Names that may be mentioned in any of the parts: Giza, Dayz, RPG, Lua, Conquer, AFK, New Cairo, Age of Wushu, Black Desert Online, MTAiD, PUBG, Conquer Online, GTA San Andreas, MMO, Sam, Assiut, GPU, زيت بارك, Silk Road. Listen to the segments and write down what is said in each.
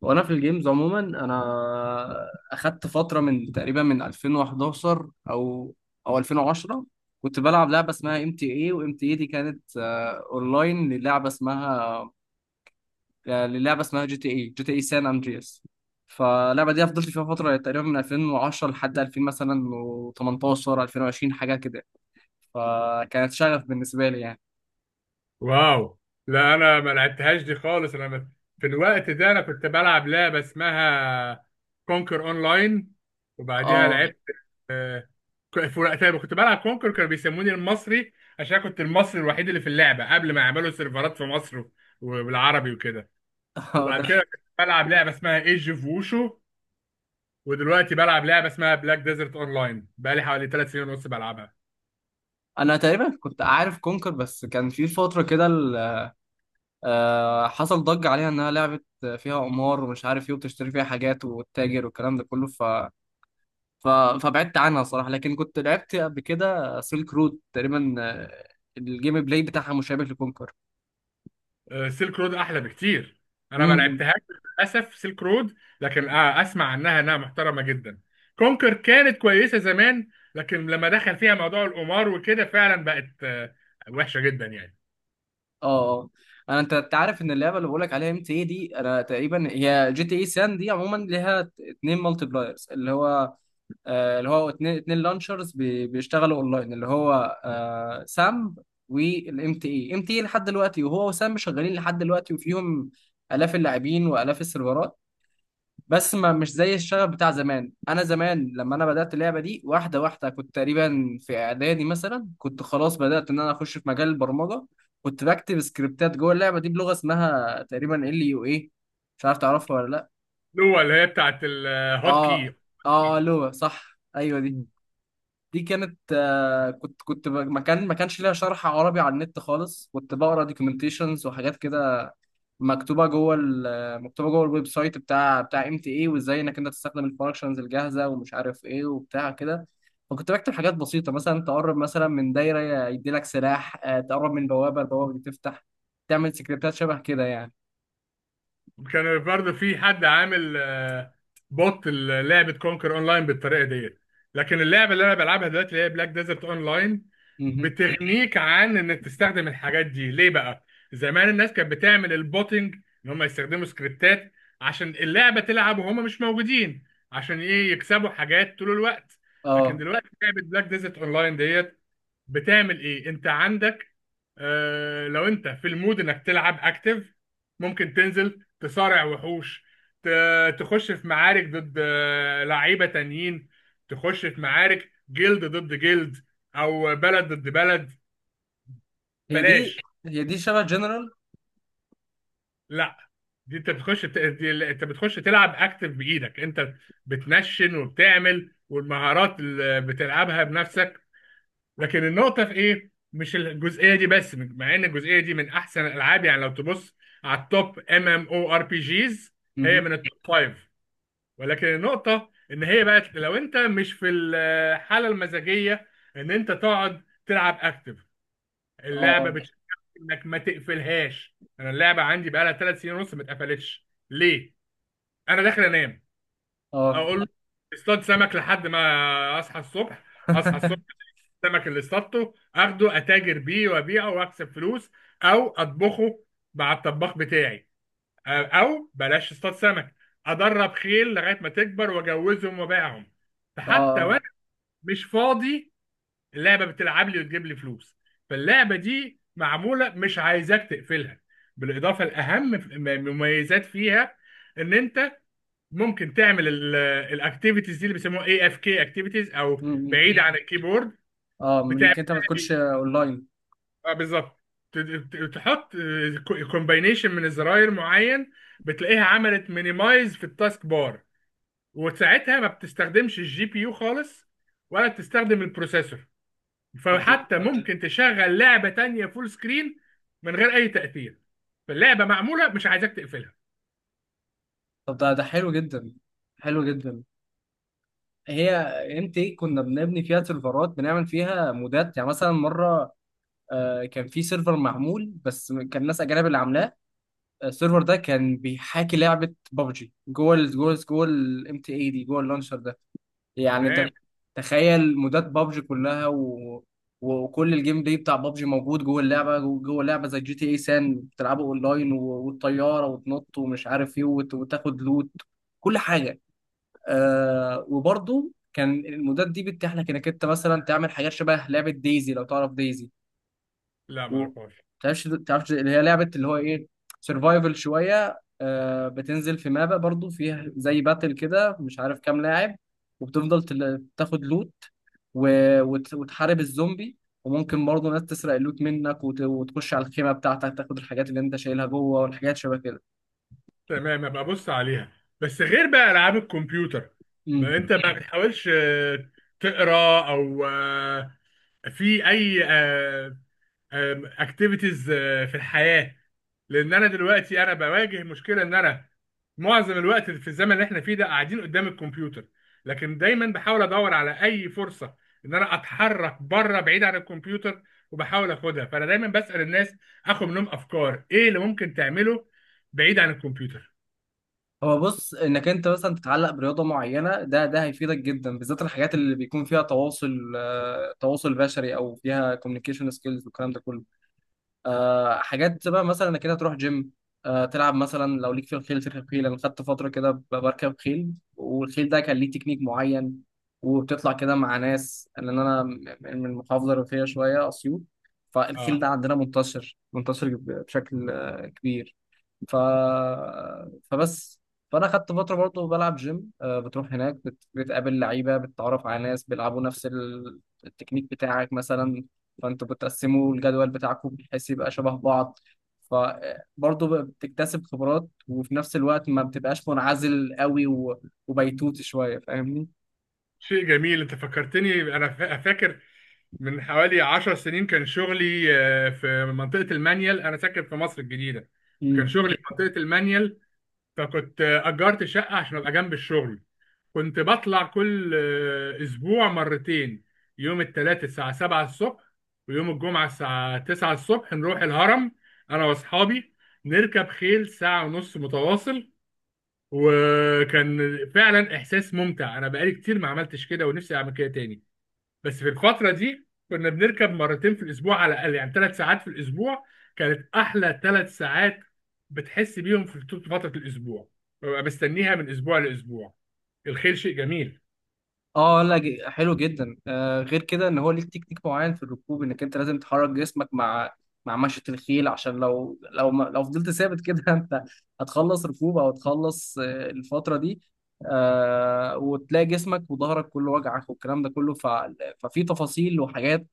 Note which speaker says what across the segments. Speaker 1: وانا في الجيمز عموما انا اخدت فتره من تقريبا من 2011 او 2010 كنت بلعب لعبه اسمها ام تي اي وام تي اي دي، كانت اونلاين للعبه اسمها جي تي اي سان اندرياس. فاللعبه دي فضلت فيها فتره تقريبا من 2010 لحد 2000 مثلا و18 2020 حاجه كده، فكانت شغف بالنسبه لي يعني.
Speaker 2: واو. لا، انا ما لعبتهاش دي خالص. في الوقت ده انا كنت بلعب لعبه اسمها كونكر اونلاين، وبعديها
Speaker 1: اه.
Speaker 2: لعبت. آه، في وقتها كنت بلعب كونكر، كانوا بيسموني المصري عشان كنت المصري الوحيد اللي في اللعبه قبل ما يعملوا سيرفرات في مصر وبالعربي وكده. وبعد
Speaker 1: ده
Speaker 2: كده كنت بلعب لعبه اسمها ايج اوف ووشو، ودلوقتي بلعب لعبه اسمها بلاك ديزرت اونلاين بقالي حوالي 3 سنين ونص بلعبها.
Speaker 1: انا تقريبا كنت عارف كونكر، بس كان في فتره كده حصل ضجة عليها إنها لعبة فيها قمار ومش عارف إيه، وبتشتري فيها حاجات وتتاجر والكلام ده كله. ف... فبعدت عنها صراحة، لكن كنت لعبت قبل كده سيلك رود تقريبا. الجيم بلاي بتاعها مشابه لكونكر.
Speaker 2: سيلك رود احلى بكتير، انا ما
Speaker 1: امم.
Speaker 2: لعبتهاش للاسف سيلك رود، لكن اسمع عنها انها محترمه جدا. كونكر كانت كويسه زمان، لكن لما دخل فيها موضوع القمار وكده فعلا بقت وحشه جدا يعني.
Speaker 1: اه. اه. انا انت أنت عارف ان اللعبه اللي بقول لك عليها ام تي اي دي انا تقريبا هي جي تي اي سان دي. عموما ليها اتنين مالتي بلايرز، اللي هو اللي هو اتنين لانشرز بيشتغلوا اونلاين، اللي هو سام والام تي اي لحد دلوقتي، وهو وسام شغالين لحد دلوقتي وفيهم الاف اللاعبين والاف السيرفرات. بس ما مش زي الشغف بتاع زمان. انا زمان لما انا بدات اللعبه دي واحده واحده، كنت تقريبا في اعدادي مثلا، كنت خلاص بدات ان انا اخش في مجال البرمجه، كنت بكتب سكريبتات جوه اللعبه دي بلغه اسمها تقريبا ال يو اي، مش عارف تعرفها ولا لا.
Speaker 2: اللي هو اللي هي بتاعت الهوت
Speaker 1: اه.
Speaker 2: كي.
Speaker 1: اه لغه، صح. ايوه، دي كانت آه، كنت كنت ب- ما كان ما كانش ليها شرح عربي على النت خالص، كنت بقرا دوكيومنتيشنز وحاجات كده مكتوبه مكتوبه جوه الويب سايت بتاع ام تي اي، وازاي انك انت تستخدم الفانكشنز الجاهزه ومش عارف ايه وبتاع كده. فكنت بكتب حاجات بسيطه، مثلا تقرب مثلا من دايره يدي لك سلاح، تقرب من البوابه دي تفتح، تعمل سكريبتات شبه كده يعني.
Speaker 2: كان النهارده في حد عامل بوت لعبه كونكر اونلاين بالطريقه ديت، لكن اللعبه اللي انا بلعبها دلوقتي اللي هي بلاك ديزرت اونلاين
Speaker 1: مهم.
Speaker 2: بتغنيك عن انك تستخدم الحاجات دي. ليه بقى؟ زمان الناس كانت بتعمل البوتنج، ان هم يستخدموا سكريبتات عشان اللعبه تلعب وهم مش موجودين، عشان ايه؟ يكسبوا حاجات طول الوقت. لكن
Speaker 1: اه.
Speaker 2: دلوقتي لعبه بلاك ديزرت اونلاين ديت بتعمل ايه؟ انت عندك، آه، لو انت في المود انك تلعب اكتف، ممكن تنزل تصارع وحوش، تخش في معارك ضد لعيبة تانيين، تخش في معارك جلد ضد جلد او بلد ضد بلد.
Speaker 1: هي
Speaker 2: بلاش.
Speaker 1: دي هي دي شبه جنرال.
Speaker 2: لا، دي انت بتخش دي انت بتخش تلعب اكتف بايدك انت، بتنشن وبتعمل، والمهارات اللي بتلعبها بنفسك. لكن النقطة في إيه؟ مش الجزئية دي بس، مع إن الجزئية دي من أحسن الألعاب يعني، لو تبص على التوب ام ام او ار بي جيز هي
Speaker 1: مهم.
Speaker 2: من التوب فايف. ولكن النقطة إن هي بقت لو أنت مش في الحالة المزاجية إن أنت تقعد تلعب أكتف، اللعبة
Speaker 1: اه.
Speaker 2: بتشجعك إنك ما تقفلهاش. أنا اللعبة عندي بقالها 3 سنين ونص ما اتقفلتش. ليه؟ أنا داخل أنام،
Speaker 1: اه. اه.
Speaker 2: أقول اصطاد سمك لحد ما أصحى الصبح. أصحى الصبح، السمك اللي اصطادته اخده اتاجر بيه وابيعه واكسب فلوس، او اطبخه مع الطباخ بتاعي. او بلاش اصطاد سمك، ادرب خيل لغايه ما تكبر واجوزهم وابيعهم.
Speaker 1: اه.
Speaker 2: فحتى
Speaker 1: آه.
Speaker 2: وانا مش فاضي، اللعبه بتلعب لي وتجيب لي فلوس. فاللعبه دي معموله مش عايزاك تقفلها. بالاضافه الاهم، مميزات فيها ان انت ممكن تعمل الاكتيفيتيز دي اللي بيسموها اي اف كي اكتيفيتيز، او
Speaker 1: مم.
Speaker 2: بعيد عن الكيبورد.
Speaker 1: اه، من
Speaker 2: بتعمل،
Speaker 1: انك انت ما تكونش اونلاين.
Speaker 2: اه بالظبط، تحط كومباينيشن من الزراير معين، بتلاقيها عملت مينيمايز في التاسك بار، وساعتها ما بتستخدمش الجي بي يو خالص، ولا بتستخدم البروسيسور،
Speaker 1: طب ده-
Speaker 2: فحتى ممكن تشغل لعبة تانية فول سكرين من غير اي تأثير. فاللعبة معمولة مش عايزاك تقفلها.
Speaker 1: طب ده حلو جدا، حلو جدا. هي، انت، إيه، كنا بنبني فيها سيرفرات، بنعمل فيها مودات، يعني مثلا مره كان في سيرفر معمول بس كان ناس اجانب اللي عاملاه. السيرفر ده كان بيحاكي لعبه ببجي جوه الام تي اي دي، جوه اللانشر ده. يعني
Speaker 2: تمام.
Speaker 1: انت تخيل مودات بابجي كلها، وكل الجيم بلاي بتاع بابجي موجود جوه اللعبه، جوه اللعبه زي جي تي اي سان بتلعبه اونلاين، والطياره وتنط ومش عارف ايه، وتاخد لوت، كل حاجه. آه، وبرضه كان المودات دي بتتيح لك انك انت مثلا تعمل حاجات شبه لعبه ديزي، لو تعرف ديزي.
Speaker 2: لا، ما
Speaker 1: و
Speaker 2: اعرفهاش.
Speaker 1: تعرفش اللي هي لعبه، اللي هو ايه، سرفايفل شويه. آه، بتنزل في مابا، برضو فيها زي باتل كده مش عارف كام لاعب، وبتفضل تاخد لوت، و... وتحارب الزومبي. وممكن برضو ناس تسرق اللوت منك، وتخش على الخيمه بتاعتك، تاخد الحاجات اللي انت شايلها جوه، والحاجات شبه كده.
Speaker 2: تمام، ابقى ابص عليها. بس غير بقى العاب الكمبيوتر، ما
Speaker 1: مم.
Speaker 2: انت ما بتحاولش تقرا او في اي اكتيفيتيز في الحياه؟ لان انا دلوقتي انا بواجه مشكله ان انا معظم الوقت في الزمن اللي احنا فيه ده قاعدين قدام الكمبيوتر، لكن دايما بحاول ادور على اي فرصه ان انا اتحرك بره بعيد عن الكمبيوتر، وبحاول اخدها. فانا دايما بسال الناس، اخد منهم افكار ايه اللي ممكن تعمله بعيد عن الكمبيوتر.
Speaker 1: هو بص، انك انت مثلا تتعلق برياضه معينه، ده هيفيدك جدا، بالذات الحاجات اللي بيكون فيها تواصل، تواصل بشري، او فيها كوميونيكيشن سكيلز والكلام ده كله. آه، حاجات بقى مثلا انك كده تروح جيم، آه، تلعب، مثلا لو ليك في الخيل تركب خيل. انا خدت فتره كده بركب خيل، والخيل ده كان ليه تكنيك معين، وبتطلع كده مع ناس، لان انا من المحافظه الريفيه شويه، اسيوط، فالخيل
Speaker 2: اه،
Speaker 1: ده عندنا بشكل كبير. ف... فبس فانا خدت فتره برضه بلعب جيم، بتروح هناك بتقابل لعيبه، بتتعرف على ناس بيلعبوا نفس التكنيك بتاعك مثلا، فانتوا بتقسموا الجدول بتاعكم بحيث يبقى شبه بعض، فبرضه بتكتسب خبرات، وفي نفس الوقت ما بتبقاش منعزل قوي وبيتوت شويه. فاهمني؟
Speaker 2: شيء جميل. انت فكرتني، انا فاكر من حوالي 10 سنين كان شغلي في منطقة المانيال. انا ساكن في مصر الجديدة، كان
Speaker 1: مم.
Speaker 2: شغلي في منطقة المانيال، فكنت اجرت شقة عشان ابقى جنب الشغل. كنت بطلع كل اسبوع مرتين، يوم الثلاث الساعة 7 الصبح، ويوم الجمعة الساعة 9 الصبح نروح الهرم، انا واصحابي، نركب خيل ساعة ونص متواصل. وكان فعلا احساس ممتع. انا بقالي كتير ما عملتش كده، ونفسي اعمل كده تاني. بس في الفتره دي كنا بنركب مرتين في الاسبوع على الاقل، يعني ثلاث ساعات في الاسبوع، كانت احلى 3 ساعات، بتحس بيهم في طول فتره الاسبوع، ببقى مستنيها من اسبوع لاسبوع. الخيل شيء جميل.
Speaker 1: اه، لا، حلو جدا. آه، غير كده ان هو ليك تكنيك معين في الركوب، انك انت لازم تحرك جسمك مع مشية الخيل، عشان لو لو ما لو فضلت ثابت كده انت هتخلص ركوب، او هتخلص آه الفترة دي. آه، وتلاقي جسمك وظهرك كله وجعك والكلام ده كله. ففي تفاصيل وحاجات،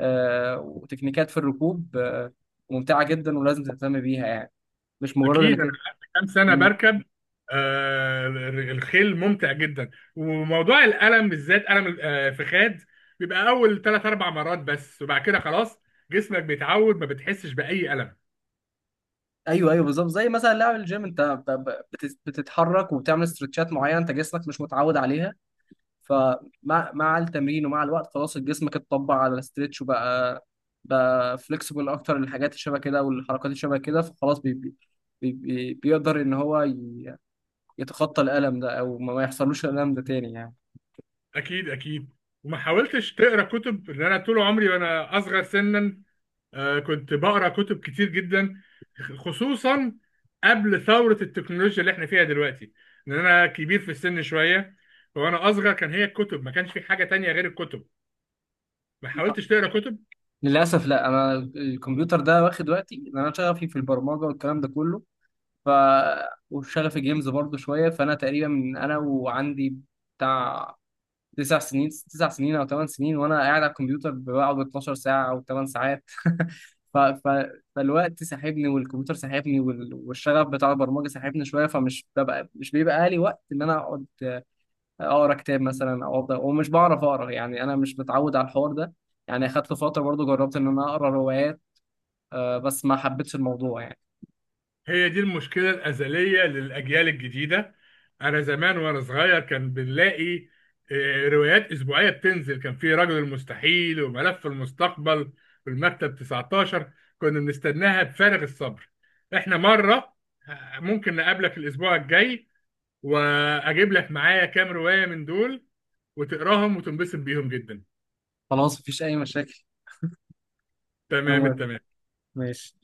Speaker 1: آه، وتكنيكات في الركوب، آه، ممتعة جدا ولازم تهتم بيها يعني، مش مجرد
Speaker 2: اكيد، انا
Speaker 1: انك...
Speaker 2: قعدت كام سنه بركب. آه، الخيل ممتع جدا. وموضوع الالم بالذات الم الفخاد، بيبقى اول 3 أو 4 مرات بس، وبعد كده خلاص جسمك بيتعود ما بتحسش باي الم.
Speaker 1: ايوه، ايوه، بالظبط. زي مثلا لعب الجيم، انت بتتحرك وبتعمل استرتشات معينه، انت جسمك مش متعود عليها، مع التمرين ومع الوقت خلاص جسمك اتطبع على الاسترتش، وبقى فليكسبل اكتر للحاجات اللي شبه كده والحركات اللي شبه كده، فخلاص بي بي بي بي بيقدر ان هو يتخطى الالم ده، او ما يحصلوش الالم ده تاني يعني.
Speaker 2: اكيد اكيد. وما حاولتش تقرا كتب؟ لان انا طول عمري وانا اصغر سنا كنت بقرا كتب كتير جدا، خصوصا قبل ثوره التكنولوجيا اللي احنا فيها دلوقتي، لان انا كبير في السن شويه، وانا اصغر كان هي الكتب، ما كانش في حاجه تانية غير الكتب. ما حاولتش تقرا كتب؟
Speaker 1: للاسف لا، انا الكمبيوتر ده واخد وقتي، ان انا شغفي في البرمجه والكلام ده كله، ف وشغفي جيمز برضو شويه. فانا تقريبا من انا وعندي بتاع تسع سنين او 8 سنين وانا قاعد على الكمبيوتر، بقعد 12 ساعه او 8 ساعات. ف... ف... فالوقت ساحبني والكمبيوتر ساحبني والشغف بتاع البرمجه ساحبني شويه، فمش ببقى مش بيبقى لي وقت ان انا اقعد اقرا كتاب مثلا، او افضل ومش بعرف اقرا يعني، انا مش متعود على الحوار ده. يعني اخدت فتره برضو جربت ان انا اقرا روايات، بس ما حبيتش الموضوع يعني.
Speaker 2: هي دي المشكلة الأزلية للأجيال الجديدة. أنا زمان وأنا صغير كان بنلاقي روايات أسبوعية بتنزل، كان في رجل المستحيل وملف المستقبل والمكتب 19، كنا بنستناها بفارغ الصبر. إحنا مرة، ممكن نقابلك الأسبوع الجاي، وأجيب لك معايا كام رواية من دول وتقراهم وتنبسط بيهم جدا.
Speaker 1: خلاص مفيش اي مشاكل. انا
Speaker 2: تمام
Speaker 1: موافق.
Speaker 2: التمام.
Speaker 1: ماشي.